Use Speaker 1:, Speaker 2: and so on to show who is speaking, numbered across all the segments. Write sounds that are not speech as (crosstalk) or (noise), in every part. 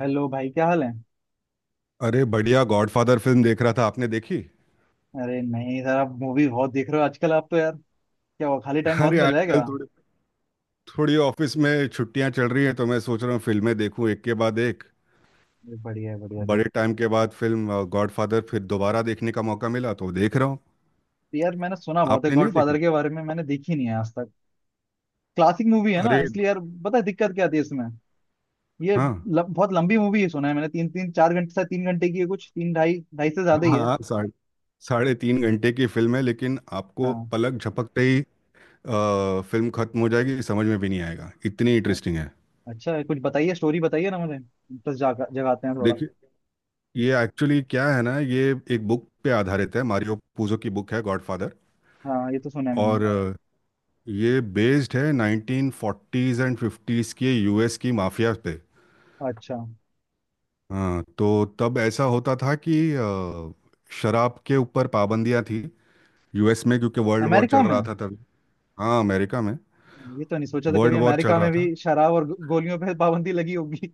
Speaker 1: Hello भाई, क्या हाल है?
Speaker 2: अरे, बढ़िया। गॉडफादर फिल्म देख रहा था। आपने देखी?
Speaker 1: अरे नहीं सर, आप मूवी बहुत देख रहे हो आजकल। आप तो यार, क्या हुआ? खाली टाइम बहुत
Speaker 2: अरे,
Speaker 1: मिल रहा है
Speaker 2: आजकल
Speaker 1: क्या?
Speaker 2: थोड़ी थोड़ी ऑफिस में छुट्टियां चल रही हैं, तो मैं सोच रहा हूँ फिल्में देखूं एक के बाद एक।
Speaker 1: बढ़िया है, बढ़िया
Speaker 2: बड़े
Speaker 1: सर।
Speaker 2: टाइम के बाद फिल्म गॉडफादर फिर दोबारा देखने का मौका मिला तो देख रहा हूँ।
Speaker 1: तो यार मैंने सुना बहुत है
Speaker 2: आपने नहीं देखी?
Speaker 1: गॉडफादर के बारे में, मैंने देखी नहीं है आज तक। क्लासिक मूवी है ना,
Speaker 2: अरे।
Speaker 1: इसलिए यार। पता है दिक्कत क्या आती है इसमें?
Speaker 2: हाँ।
Speaker 1: बहुत लंबी मूवी है, सुना है मैंने तीन तीन चार घंटे से, 3 घंटे की है कुछ, तीन, ढाई ढाई से ज्यादा ही है।
Speaker 2: हाँ, साढ़े साढ़े तीन घंटे की फिल्म है, लेकिन आपको
Speaker 1: हाँ।
Speaker 2: पलक झपकते ही फिल्म खत्म हो जाएगी, समझ में भी नहीं आएगा, इतनी
Speaker 1: अ-
Speaker 2: इंटरेस्टिंग है।
Speaker 1: अच्छा है, कुछ बताइए, स्टोरी बताइए ना, मुझे इंटरेस्ट जागा, जगाते हैं थोड़ा।
Speaker 2: देखिए, ये एक्चुअली क्या है ना, ये एक बुक पे आधारित है, मारियो पूजो की बुक है गॉडफादर।
Speaker 1: हाँ, ये तो सुना है मैंने।
Speaker 2: और ये बेस्ड है 1940s एंड 50s के यूएस की माफिया पे।
Speaker 1: अच्छा।
Speaker 2: हाँ, तो तब ऐसा होता था कि शराब के ऊपर पाबंदियां थी, यूएस में, क्योंकि वर्ल्ड वॉर
Speaker 1: अमेरिका
Speaker 2: चल
Speaker 1: में?
Speaker 2: रहा था तभी। हाँ, अमेरिका में।
Speaker 1: ये तो नहीं सोचा था कभी
Speaker 2: वर्ल्ड वॉर चल
Speaker 1: अमेरिका
Speaker 2: रहा
Speaker 1: में
Speaker 2: था।
Speaker 1: भी शराब और गोलियों पे पाबंदी लगी होगी।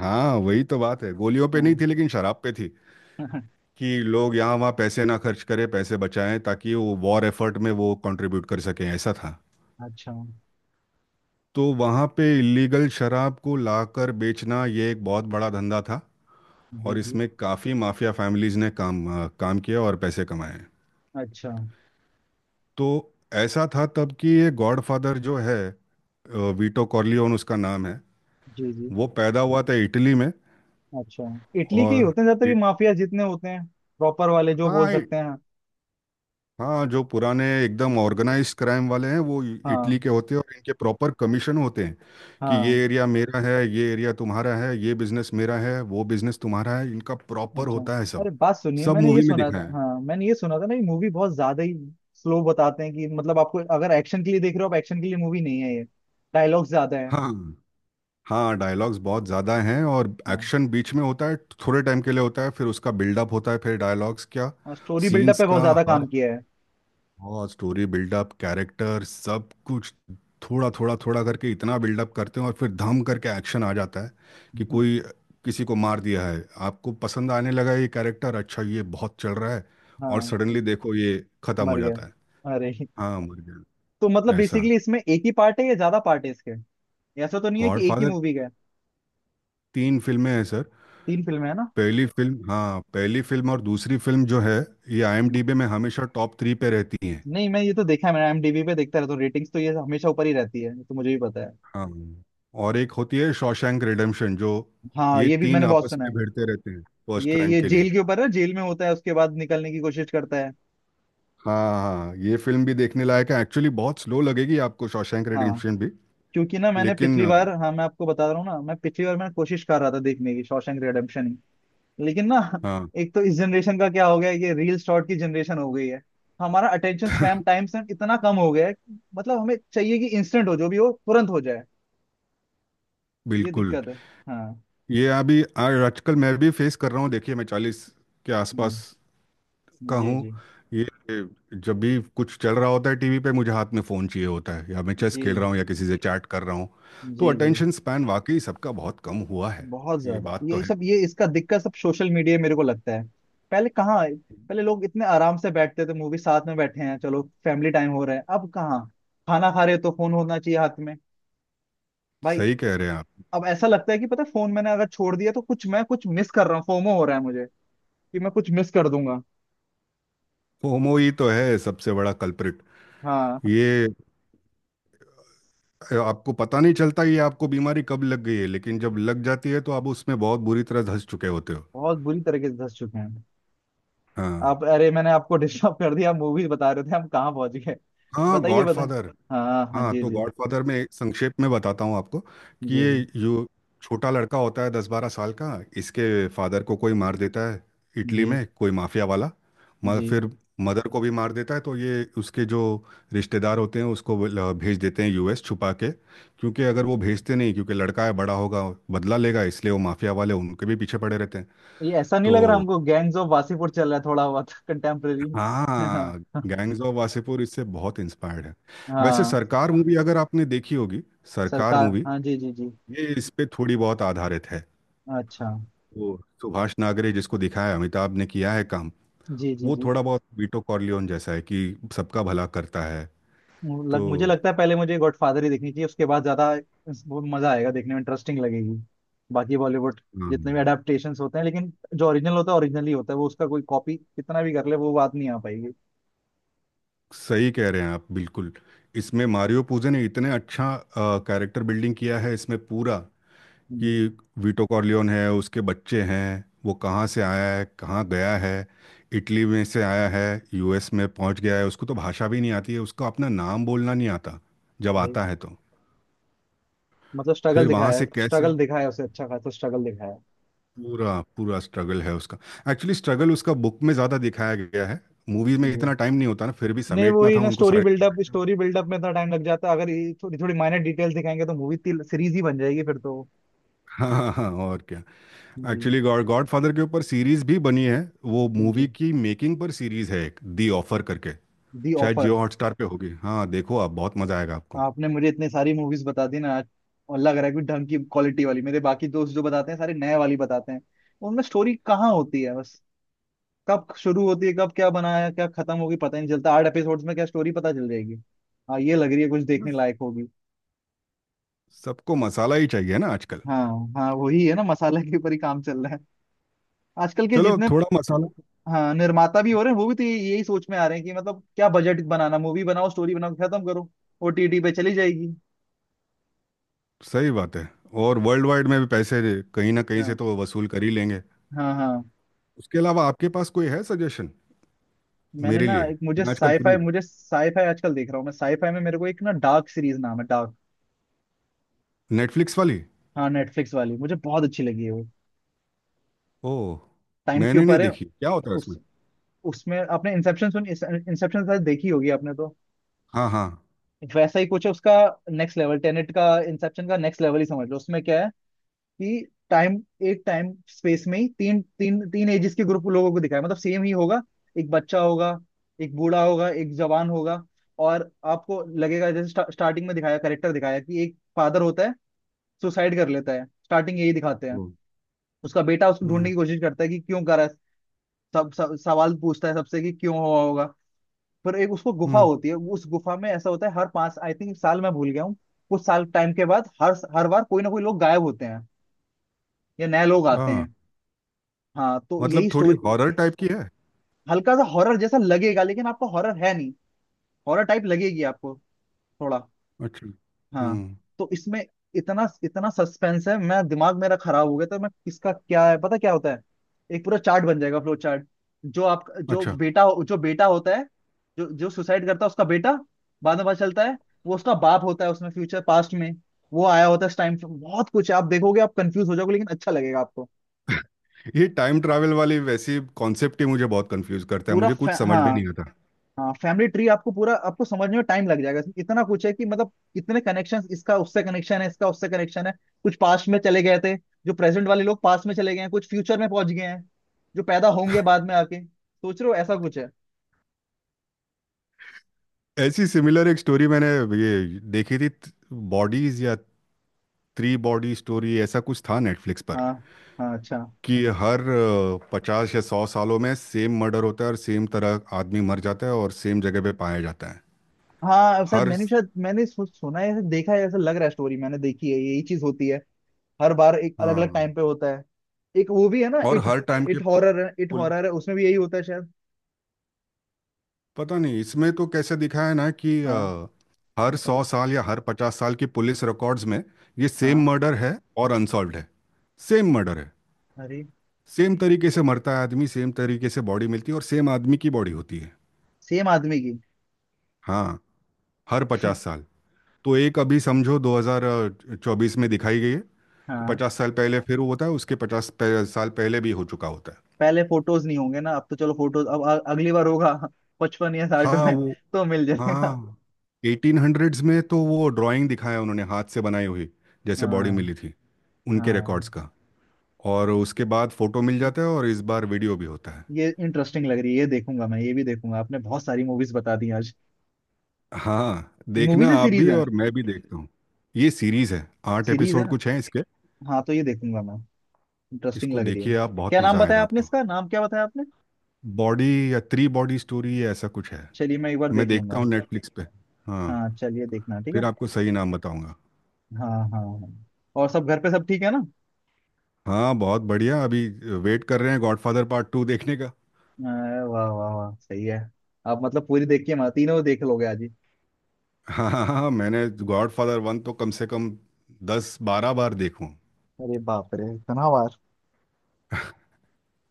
Speaker 2: हाँ, वही तो बात है, गोलियों पे नहीं
Speaker 1: हाँ।
Speaker 2: थी लेकिन शराब पे थी।
Speaker 1: (laughs)
Speaker 2: कि लोग यहाँ वहाँ पैसे ना खर्च करें, पैसे बचाएं, ताकि वो वॉर एफर्ट में वो कंट्रीब्यूट कर सकें, ऐसा था।
Speaker 1: अच्छा।
Speaker 2: तो वहाँ पे इलीगल शराब को लाकर बेचना ये एक बहुत बड़ा धंधा था। और
Speaker 1: जी जी।
Speaker 2: इसमें काफ़ी माफिया फैमिलीज ने काम किया और पैसे कमाए हैं।
Speaker 1: अच्छा।
Speaker 2: तो ऐसा था तब कि ये गॉडफादर जो है, वीटो कॉर्लियोन उसका नाम है।
Speaker 1: जी जी।
Speaker 2: वो पैदा हुआ था इटली में।
Speaker 1: अच्छा। इटली के ही
Speaker 2: और
Speaker 1: होते हैं ज्यादातर ये
Speaker 2: इट,
Speaker 1: माफिया जितने होते हैं। प्रॉपर वाले, जो बोल
Speaker 2: हाँ,
Speaker 1: सकते हैं।
Speaker 2: हाँ, जो पुराने एकदम ऑर्गेनाइज क्राइम वाले हैं वो
Speaker 1: हाँ।
Speaker 2: इटली के होते हैं, और इनके प्रॉपर कमीशन होते हैं। कि ये
Speaker 1: हाँ।
Speaker 2: एरिया मेरा है, ये एरिया तुम्हारा है, ये बिजनेस मेरा है, वो बिजनेस तुम्हारा है, इनका प्रॉपर
Speaker 1: अच्छा।
Speaker 2: होता है सब।
Speaker 1: अरे बात सुनिए,
Speaker 2: सब
Speaker 1: मैंने ये
Speaker 2: मूवी में
Speaker 1: सुना
Speaker 2: दिखाया
Speaker 1: था,
Speaker 2: है।
Speaker 1: हाँ मैंने ये सुना था ना, ये मूवी बहुत ज्यादा ही स्लो बताते हैं। कि मतलब आपको अगर एक्शन के लिए देख रहे हो आप, एक्शन के लिए मूवी नहीं है ये। डायलॉग्स ज्यादा है।
Speaker 2: हाँ। हाँ, डायलॉग्स बहुत ज़्यादा हैं और
Speaker 1: हाँ।
Speaker 2: एक्शन बीच में होता है, थोड़े टाइम के लिए होता है, फिर उसका बिल्डअप होता है, फिर डायलॉग्स क्या,
Speaker 1: और स्टोरी बिल्डअप
Speaker 2: सीन्स
Speaker 1: पे बहुत
Speaker 2: का।
Speaker 1: ज्यादा
Speaker 2: हर,
Speaker 1: काम किया है।
Speaker 2: और स्टोरी बिल्डअप, कैरेक्टर, सब कुछ थोड़ा थोड़ा थोड़ा करके इतना बिल्डअप करते हैं और फिर धम करके एक्शन आ जाता है। कि कोई
Speaker 1: (laughs)
Speaker 2: किसी को मार दिया है, आपको पसंद आने लगा ये कैरेक्टर, अच्छा ये बहुत चल रहा है, और
Speaker 1: हाँ तो।
Speaker 2: सडनली देखो ये ख़त्म
Speaker 1: मर
Speaker 2: हो
Speaker 1: गया?
Speaker 2: जाता है।
Speaker 1: अरे।
Speaker 2: हाँ, मर गया।
Speaker 1: तो मतलब
Speaker 2: ऐसा।
Speaker 1: बेसिकली इसमें एक ही पार्ट है या ज्यादा पार्ट है इसके? ऐसा तो नहीं है कि एक ही
Speaker 2: गॉडफादर
Speaker 1: मूवी।
Speaker 2: तीन फिल्में हैं सर।
Speaker 1: तीन फिल्में है ना?
Speaker 2: पहली फिल्म, हाँ, पहली फिल्म और दूसरी फिल्म जो है, ये
Speaker 1: हम्म।
Speaker 2: आईएमडीबी में हमेशा टॉप थ्री पे रहती हैं।
Speaker 1: नहीं, मैं ये तो देखा है, मैंने IMDb पे देखता रहता हूँ रेटिंग्स, तो ये हमेशा ऊपर ही रहती है, ये तो मुझे भी पता है।
Speaker 2: हाँ। और एक होती है शॉशैंक रिडेम्पशन, जो,
Speaker 1: हाँ,
Speaker 2: ये
Speaker 1: ये भी
Speaker 2: तीन
Speaker 1: मैंने बहुत
Speaker 2: आपस
Speaker 1: सुना
Speaker 2: में
Speaker 1: है।
Speaker 2: भिड़ते रहते हैं फर्स्ट रैंक
Speaker 1: ये
Speaker 2: के लिए।
Speaker 1: जेल के ऊपर है, जेल में होता है, उसके बाद निकलने की कोशिश करता है।
Speaker 2: हाँ। हाँ, ये फिल्म भी देखने लायक है एक्चुअली, बहुत स्लो लगेगी आपको शॉशैंक
Speaker 1: हाँ।
Speaker 2: रिडेम्पशन भी।
Speaker 1: क्योंकि ना, मैंने
Speaker 2: लेकिन
Speaker 1: पिछली बार, हाँ मैं आपको बता रहा हूँ ना, मैं पिछली बार मैं कोशिश कर रहा था देखने की शॉशैंक रिडेम्पशन ही। लेकिन ना,
Speaker 2: हाँ,
Speaker 1: (laughs) एक तो इस जनरेशन का क्या हो गया है, ये रील शॉर्ट की जनरेशन हो गई है। हमारा अटेंशन स्पैम, टाइम स्पैम इतना कम हो गया है कि मतलब हमें चाहिए कि इंस्टेंट हो, जो भी हो तुरंत हो जाए। ये
Speaker 2: बिल्कुल।
Speaker 1: दिक्कत है। हाँ।
Speaker 2: ये अभी आजकल मैं भी फेस कर रहा हूँ। देखिए, मैं 40 के
Speaker 1: हम्म,
Speaker 2: आसपास का
Speaker 1: जी
Speaker 2: हूँ।
Speaker 1: जी।
Speaker 2: ये जब भी कुछ चल रहा होता है टीवी पे, मुझे हाथ में फ़ोन चाहिए होता है, या मैं चेस
Speaker 1: जी
Speaker 2: खेल रहा हूँ, या किसी से चैट कर रहा हूँ। तो
Speaker 1: जी। जी।
Speaker 2: अटेंशन स्पैन वाकई सबका बहुत कम हुआ है।
Speaker 1: बहुत
Speaker 2: ये
Speaker 1: ज्यादा
Speaker 2: बात तो
Speaker 1: ये
Speaker 2: है।
Speaker 1: सब, ये इसका दिक्कत सब सोशल मीडिया, मेरे को लगता है। पहले कहाँ, पहले लोग इतने आराम से बैठते थे, मूवी साथ में बैठे हैं, चलो फैमिली टाइम हो रहा है। अब कहाँ? खाना खा रहे हो तो फोन होना चाहिए हाथ में। भाई।
Speaker 2: सही कह रहे हैं आप।
Speaker 1: अब ऐसा लगता है कि पता है, फोन मैंने अगर छोड़ दिया तो कुछ, मैं कुछ मिस कर रहा हूँ, फोमो हो रहा है मुझे, कि मैं कुछ मिस कर दूंगा।
Speaker 2: फोमो ही तो है सबसे बड़ा कल्प्रिट।
Speaker 1: हाँ।
Speaker 2: ये आपको पता नहीं चलता ये आपको बीमारी कब लग गई है, लेकिन जब लग जाती है तो आप उसमें बहुत बुरी तरह धंस चुके होते हो।
Speaker 1: बहुत बुरी तरीके से धस चुके हैं।
Speaker 2: हाँ।
Speaker 1: आप, अरे मैंने आपको डिस्टर्ब कर दिया, आप मूवी बता रहे थे, हम कहाँ पहुंच गए?
Speaker 2: हाँ।
Speaker 1: बताइए बताइए।
Speaker 2: गॉडफादर।
Speaker 1: हाँ हाँ,
Speaker 2: हाँ,
Speaker 1: जी
Speaker 2: तो
Speaker 1: जी।
Speaker 2: गॉडफादर में एक, संक्षेप में बताता हूँ आपको,
Speaker 1: जी
Speaker 2: कि
Speaker 1: जी
Speaker 2: ये जो छोटा लड़का होता है 10-12 साल का, इसके फादर को कोई मार देता है, इटली
Speaker 1: जी
Speaker 2: में, कोई माफिया वाला। मगर
Speaker 1: जी।
Speaker 2: फिर मदर को भी मार देता है, तो ये उसके जो रिश्तेदार होते हैं, उसको वो भेज देते हैं यूएस छुपा के, क्योंकि अगर वो भेजते नहीं, क्योंकि लड़का है, बड़ा होगा, बदला लेगा, इसलिए वो माफिया वाले उनके भी पीछे पड़े रहते हैं।
Speaker 1: ये ऐसा नहीं लग रहा
Speaker 2: तो
Speaker 1: हमको, गैंग्स ऑफ वासीपुर चल रहा है थोड़ा बहुत, कंटेम्प्रेरी? (laughs)
Speaker 2: हाँ,
Speaker 1: हाँ।
Speaker 2: गैंग्स ऑफ वासेपुर इससे बहुत इंस्पायर्ड है। वैसे
Speaker 1: हाँ।
Speaker 2: सरकार मूवी अगर आपने देखी होगी, सरकार
Speaker 1: सरकार,
Speaker 2: मूवी,
Speaker 1: हाँ जी जी जी।
Speaker 2: ये इस पे थोड़ी बहुत आधारित है।
Speaker 1: अच्छा।
Speaker 2: वो सुभाष नागरे जिसको दिखाया है, अमिताभ ने किया है काम,
Speaker 1: जी जी
Speaker 2: वो
Speaker 1: जी।
Speaker 2: थोड़ा बहुत वीटो कॉर्लियोन जैसा है, कि सबका भला करता है। तो
Speaker 1: मुझे लगता है पहले मुझे गॉडफादर ही देखनी चाहिए, उसके बाद ज्यादा वो मजा आएगा देखने में, इंटरेस्टिंग लगेगी। बाकी बॉलीवुड जितने भी
Speaker 2: हम्म,
Speaker 1: अडेप्टेशंस होते हैं, लेकिन जो ओरिजिनल होता है, ओरिजिनल ही होता है वो, उसका कोई कॉपी कितना भी कर ले, वो बात नहीं आ पाएगी।
Speaker 2: सही कह रहे हैं आप, बिल्कुल। इसमें मारियो पूजे ने इतने अच्छा कैरेक्टर बिल्डिंग किया है इसमें पूरा, कि
Speaker 1: जी।
Speaker 2: वीटो कॉर्लियोन है, उसके बच्चे हैं, वो कहाँ से आया है, कहाँ गया है, इटली में से आया है, यूएस में पहुंच गया है, उसको तो भाषा भी नहीं आती है, उसको अपना नाम बोलना नहीं आता, जब
Speaker 1: अरे,
Speaker 2: आता है तो
Speaker 1: मतलब स्ट्रगल
Speaker 2: फिर वहां
Speaker 1: दिखाया
Speaker 2: से
Speaker 1: है,
Speaker 2: कैसे,
Speaker 1: स्ट्रगल दिखाया है उसे, अच्छा खासा स्ट्रगल दिखाया है।
Speaker 2: पूरा पूरा स्ट्रगल है उसका। एक्चुअली स्ट्रगल उसका बुक में ज़्यादा दिखाया गया है, मूवीज में
Speaker 1: जी।
Speaker 2: इतना टाइम नहीं होता ना, फिर भी
Speaker 1: नहीं
Speaker 2: समेटना
Speaker 1: वही
Speaker 2: था
Speaker 1: ना,
Speaker 2: उनको
Speaker 1: स्टोरी
Speaker 2: साढ़े
Speaker 1: बिल्डअप,
Speaker 2: (laughs)
Speaker 1: स्टोरी बिल्डअप में इतना टाइम लग जाता है। अगर ये थोड़ी थोड़ी माइनर डिटेल्स दिखाएंगे तो मूवी सीरीज ही बन जाएगी फिर तो।
Speaker 2: हाँ हाँ, और क्या।
Speaker 1: जी।
Speaker 2: एक्चुअली गॉड गॉड फादर के ऊपर सीरीज भी बनी है, वो
Speaker 1: जी।
Speaker 2: मूवी की मेकिंग पर सीरीज है, एक दी ऑफर करके।
Speaker 1: दी
Speaker 2: शायद जियो
Speaker 1: ऑफर।
Speaker 2: हॉटस्टार पे होगी। हाँ, देखो आप, बहुत मज़ा आएगा आपको।
Speaker 1: आपने मुझे इतनी सारी मूवीज बता दी ना आज, और लग रहा है कि ढंग की क्वालिटी वाली। मेरे बाकी दोस्त जो बताते हैं सारे नए वाली बताते हैं, उनमें स्टोरी कहाँ होती है? बस, कब शुरू होती है, कब क्या बनाया, क्या खत्म होगी पता ही नहीं चलता, 8 एपिसोड्स में क्या स्टोरी पता चल जाएगी। हाँ, ये लग रही है कुछ देखने
Speaker 2: बस,
Speaker 1: लायक होगी।
Speaker 2: सबको मसाला ही चाहिए ना आजकल।
Speaker 1: हाँ। हाँ वही है ना, मसाला के ऊपर ही काम चल रहा है आजकल के
Speaker 2: चलो,
Speaker 1: जितने।
Speaker 2: थोड़ा मसाला।
Speaker 1: हाँ निर्माता भी हो रहे हैं, वो भी तो यही सोच में आ रहे हैं कि मतलब क्या बजट बनाना, मूवी बनाओ, स्टोरी बनाओ, खत्म करो, ओटीटी पे चली जाएगी।
Speaker 2: सही बात है। और वर्ल्ड वाइड में भी पैसे कहीं ना कहीं से
Speaker 1: हाँ।
Speaker 2: तो वसूल कर ही लेंगे।
Speaker 1: हाँ हाँ।
Speaker 2: उसके अलावा आपके पास कोई है सजेशन
Speaker 1: मैंने
Speaker 2: मेरे
Speaker 1: ना
Speaker 2: लिए?
Speaker 1: एक, मुझे
Speaker 2: मैं आजकल फ्री।
Speaker 1: साईफाई, मुझे साईफाई आजकल देख रहा हूँ मैं, साईफाई में मेरे को एक ना डार्क सीरीज, नाम है डार्क।
Speaker 2: नेटफ्लिक्स वाली?
Speaker 1: हाँ नेटफ्लिक्स वाली, मुझे बहुत अच्छी लगी है वो।
Speaker 2: ओह,
Speaker 1: टाइम के
Speaker 2: मैंने नहीं
Speaker 1: ऊपर है।
Speaker 2: देखी, क्या होता है
Speaker 1: उस
Speaker 2: उसमें?
Speaker 1: उसमें आपने इंसेप्शन, सुन इंसेप्शन शायद देखी होगी आपने तो।
Speaker 2: हाँ। हाँ।
Speaker 1: वैसा ही कुछ है उसका। नेक्स्ट लेवल, टेनेट का, इंसेप्शन का नेक्स्ट लेवल ही समझ लो, उसमें क्या है कि टाइम, एक टाइम स्पेस में ही तीन तीन तीन एजेस के ग्रुप, लोगों को दिखाया मतलब सेम ही होगा। एक बच्चा होगा, एक बूढ़ा होगा, एक जवान होगा। और आपको लगेगा जैसे स्टार्टिंग में दिखाया करेक्टर, दिखाया कि एक फादर होता है, सुसाइड कर लेता है, स्टार्टिंग यही दिखाते हैं।
Speaker 2: ओ।
Speaker 1: उसका बेटा उसको ढूंढने
Speaker 2: हम्म।
Speaker 1: की कोशिश करता है कि क्यों कर रहा है। सब सवाल पूछता है सबसे कि क्यों हुआ होगा। पर एक उसको गुफा
Speaker 2: हम्म।
Speaker 1: होती है, उस गुफा में ऐसा होता है, हर पांच आई थिंक साल, मैं भूल गया हूँ कुछ साल, टाइम के बाद हर हर बार कोई ना कोई लोग गायब होते हैं या नए लोग आते
Speaker 2: आ।
Speaker 1: हैं। हाँ तो
Speaker 2: मतलब
Speaker 1: यही
Speaker 2: थोड़ी
Speaker 1: स्टोरी।
Speaker 2: हॉरर टाइप की है?
Speaker 1: हल्का सा हॉरर जैसा लगेगा लेकिन आपको हॉरर है नहीं, हॉरर टाइप लगेगी आपको थोड़ा।
Speaker 2: अच्छा।
Speaker 1: हाँ।
Speaker 2: हम्म।
Speaker 1: तो इसमें इतना इतना सस्पेंस है, मैं दिमाग मेरा खराब हो गया, तो मैं किसका क्या है पता, क्या होता है, एक पूरा चार्ट बन जाएगा, फ्लो चार्ट। जो आप, जो
Speaker 2: अच्छा,
Speaker 1: बेटा, जो बेटा होता है, जो जो सुसाइड करता है उसका बेटा, बाद में पता चलता है वो उसका बाप होता है उसमें, फ्यूचर पास्ट में वो आया होता है इस टाइम पे। बहुत कुछ है, आप देखोगे आप कंफ्यूज हो जाओगे लेकिन अच्छा लगेगा आपको।
Speaker 2: ये टाइम ट्रैवल वाली वैसी कॉन्सेप्ट ही मुझे बहुत कंफ्यूज करता है, मुझे कुछ समझ में
Speaker 1: हाँ।
Speaker 2: नहीं आता।
Speaker 1: हाँ, फैमिली ट्री आपको पूरा, आपको समझने में टाइम लग जाएगा, इसमें इतना कुछ है कि मतलब कितने कनेक्शन, इसका उससे कनेक्शन है, इसका उससे कनेक्शन है। कुछ पास्ट में चले गए थे, जो प्रेजेंट वाले लोग पास्ट में चले गए हैं, कुछ फ्यूचर में पहुंच गए हैं, जो पैदा होंगे बाद में आके, सोच रहे हो ऐसा कुछ है।
Speaker 2: ऐसी सिमिलर एक स्टोरी मैंने ये देखी थी, बॉडीज या थ्री बॉडी स्टोरी, ऐसा कुछ था नेटफ्लिक्स पर,
Speaker 1: हाँ। हाँ, अच्छा।
Speaker 2: कि हर 50 या 100 सालों में सेम मर्डर होता है और सेम तरह आदमी मर जाता है और सेम जगह पे पाया जाता है।
Speaker 1: हाँ शायद
Speaker 2: हर,
Speaker 1: मैंने, शायद मैंने सुना है ऐसा, देखा है ऐसा लग रहा है, स्टोरी मैंने देखी है यही चीज होती है। हर बार एक अलग अलग
Speaker 2: हाँ,
Speaker 1: टाइम पे होता है। एक वो भी है ना,
Speaker 2: और
Speaker 1: इट,
Speaker 2: हर टाइम के,
Speaker 1: इट हॉरर है, इट
Speaker 2: पुल,
Speaker 1: हॉरर है, उसमें भी यही होता है शायद।
Speaker 2: पता नहीं इसमें तो कैसे दिखाया है ना कि
Speaker 1: हाँ।
Speaker 2: हर सौ
Speaker 1: बताइए।
Speaker 2: साल या हर 50 साल की पुलिस रिकॉर्ड्स में ये सेम
Speaker 1: हाँ।
Speaker 2: मर्डर है और अनसॉल्व्ड है। सेम मर्डर है,
Speaker 1: अरे।
Speaker 2: सेम तरीके से मरता है आदमी, सेम तरीके से बॉडी मिलती है, और सेम आदमी की बॉडी होती है।
Speaker 1: सेम आदमी की।
Speaker 2: हाँ, हर 50 साल। तो एक अभी समझो 2024 में दिखाई गई है, तो
Speaker 1: हाँ
Speaker 2: 50 साल पहले फिर वो होता है, उसके 50 साल पहले भी हो चुका होता है।
Speaker 1: पहले फोटोज नहीं होंगे ना, अब तो चलो फोटोज, अब अगली बार होगा (laughs) 55 या 60
Speaker 2: हाँ,
Speaker 1: में
Speaker 2: वो,
Speaker 1: तो मिल जाएगा।
Speaker 2: हाँ, 1800s में तो वो ड्राइंग दिखाया उन्होंने हाथ से बनाई हुई, जैसे बॉडी मिली
Speaker 1: हाँ।
Speaker 2: थी, उनके
Speaker 1: हाँ,
Speaker 2: रिकॉर्ड्स का। और उसके बाद फोटो मिल जाता है और इस बार वीडियो भी होता है।
Speaker 1: ये इंटरेस्टिंग लग रही है, ये देखूंगा मैं, ये भी देखूंगा, आपने बहुत सारी मूवीज बता दी आज।
Speaker 2: हाँ,
Speaker 1: मूवीज
Speaker 2: देखना
Speaker 1: है
Speaker 2: आप
Speaker 1: सीरीज
Speaker 2: भी
Speaker 1: है?
Speaker 2: और मैं भी देखता हूँ। ये सीरीज है, आठ
Speaker 1: सीरीज है
Speaker 2: एपिसोड
Speaker 1: ना?
Speaker 2: कुछ है इसके।
Speaker 1: हाँ तो ये देखूंगा मैं, इंटरेस्टिंग
Speaker 2: इसको
Speaker 1: लग रही है।
Speaker 2: देखिए आप, बहुत
Speaker 1: क्या नाम
Speaker 2: मज़ा
Speaker 1: बताया
Speaker 2: आएगा
Speaker 1: आपने,
Speaker 2: आपको।
Speaker 1: इसका नाम क्या बताया आपने?
Speaker 2: बॉडी या थ्री बॉडी स्टोरी या ऐसा कुछ है।
Speaker 1: चलिए मैं एक बार
Speaker 2: मैं
Speaker 1: देख
Speaker 2: देखता
Speaker 1: लूंगा।
Speaker 2: हूँ नेटफ्लिक्स पे। हाँ।
Speaker 1: हाँ चलिए, देखना ठीक है।
Speaker 2: फिर आपको सही नाम बताऊंगा।
Speaker 1: हाँ हाँ हाँ। और सब घर पे सब ठीक है ना?
Speaker 2: हाँ, बहुत बढ़िया। अभी वेट कर रहे हैं गॉडफादर पार्ट टू देखने का।
Speaker 1: अरे वाह वाह वाह, सही है। आप मतलब पूरी देख के माती, तीनों देख लोगे आज ही?
Speaker 2: हाँ हाँ हाँ, मैंने गॉडफादर वन तो कम से कम 10-12 बार देखूं।
Speaker 1: अरे बाप रे, इतना बार?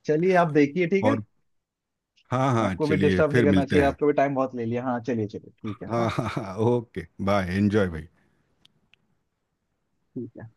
Speaker 1: चलिए आप देखिए, ठीक है।
Speaker 2: और हाँ हाँ,
Speaker 1: आपको भी
Speaker 2: चलिए
Speaker 1: डिस्टर्ब नहीं
Speaker 2: फिर
Speaker 1: करना
Speaker 2: मिलते
Speaker 1: चाहिए,
Speaker 2: हैं।
Speaker 1: आपको भी टाइम बहुत ले लिया। हाँ चलिए चलिए, ठीक है। हाँ,
Speaker 2: हाँ हाँ हाँ, ओके बाय, एंजॉय भाई।
Speaker 1: ठीक है।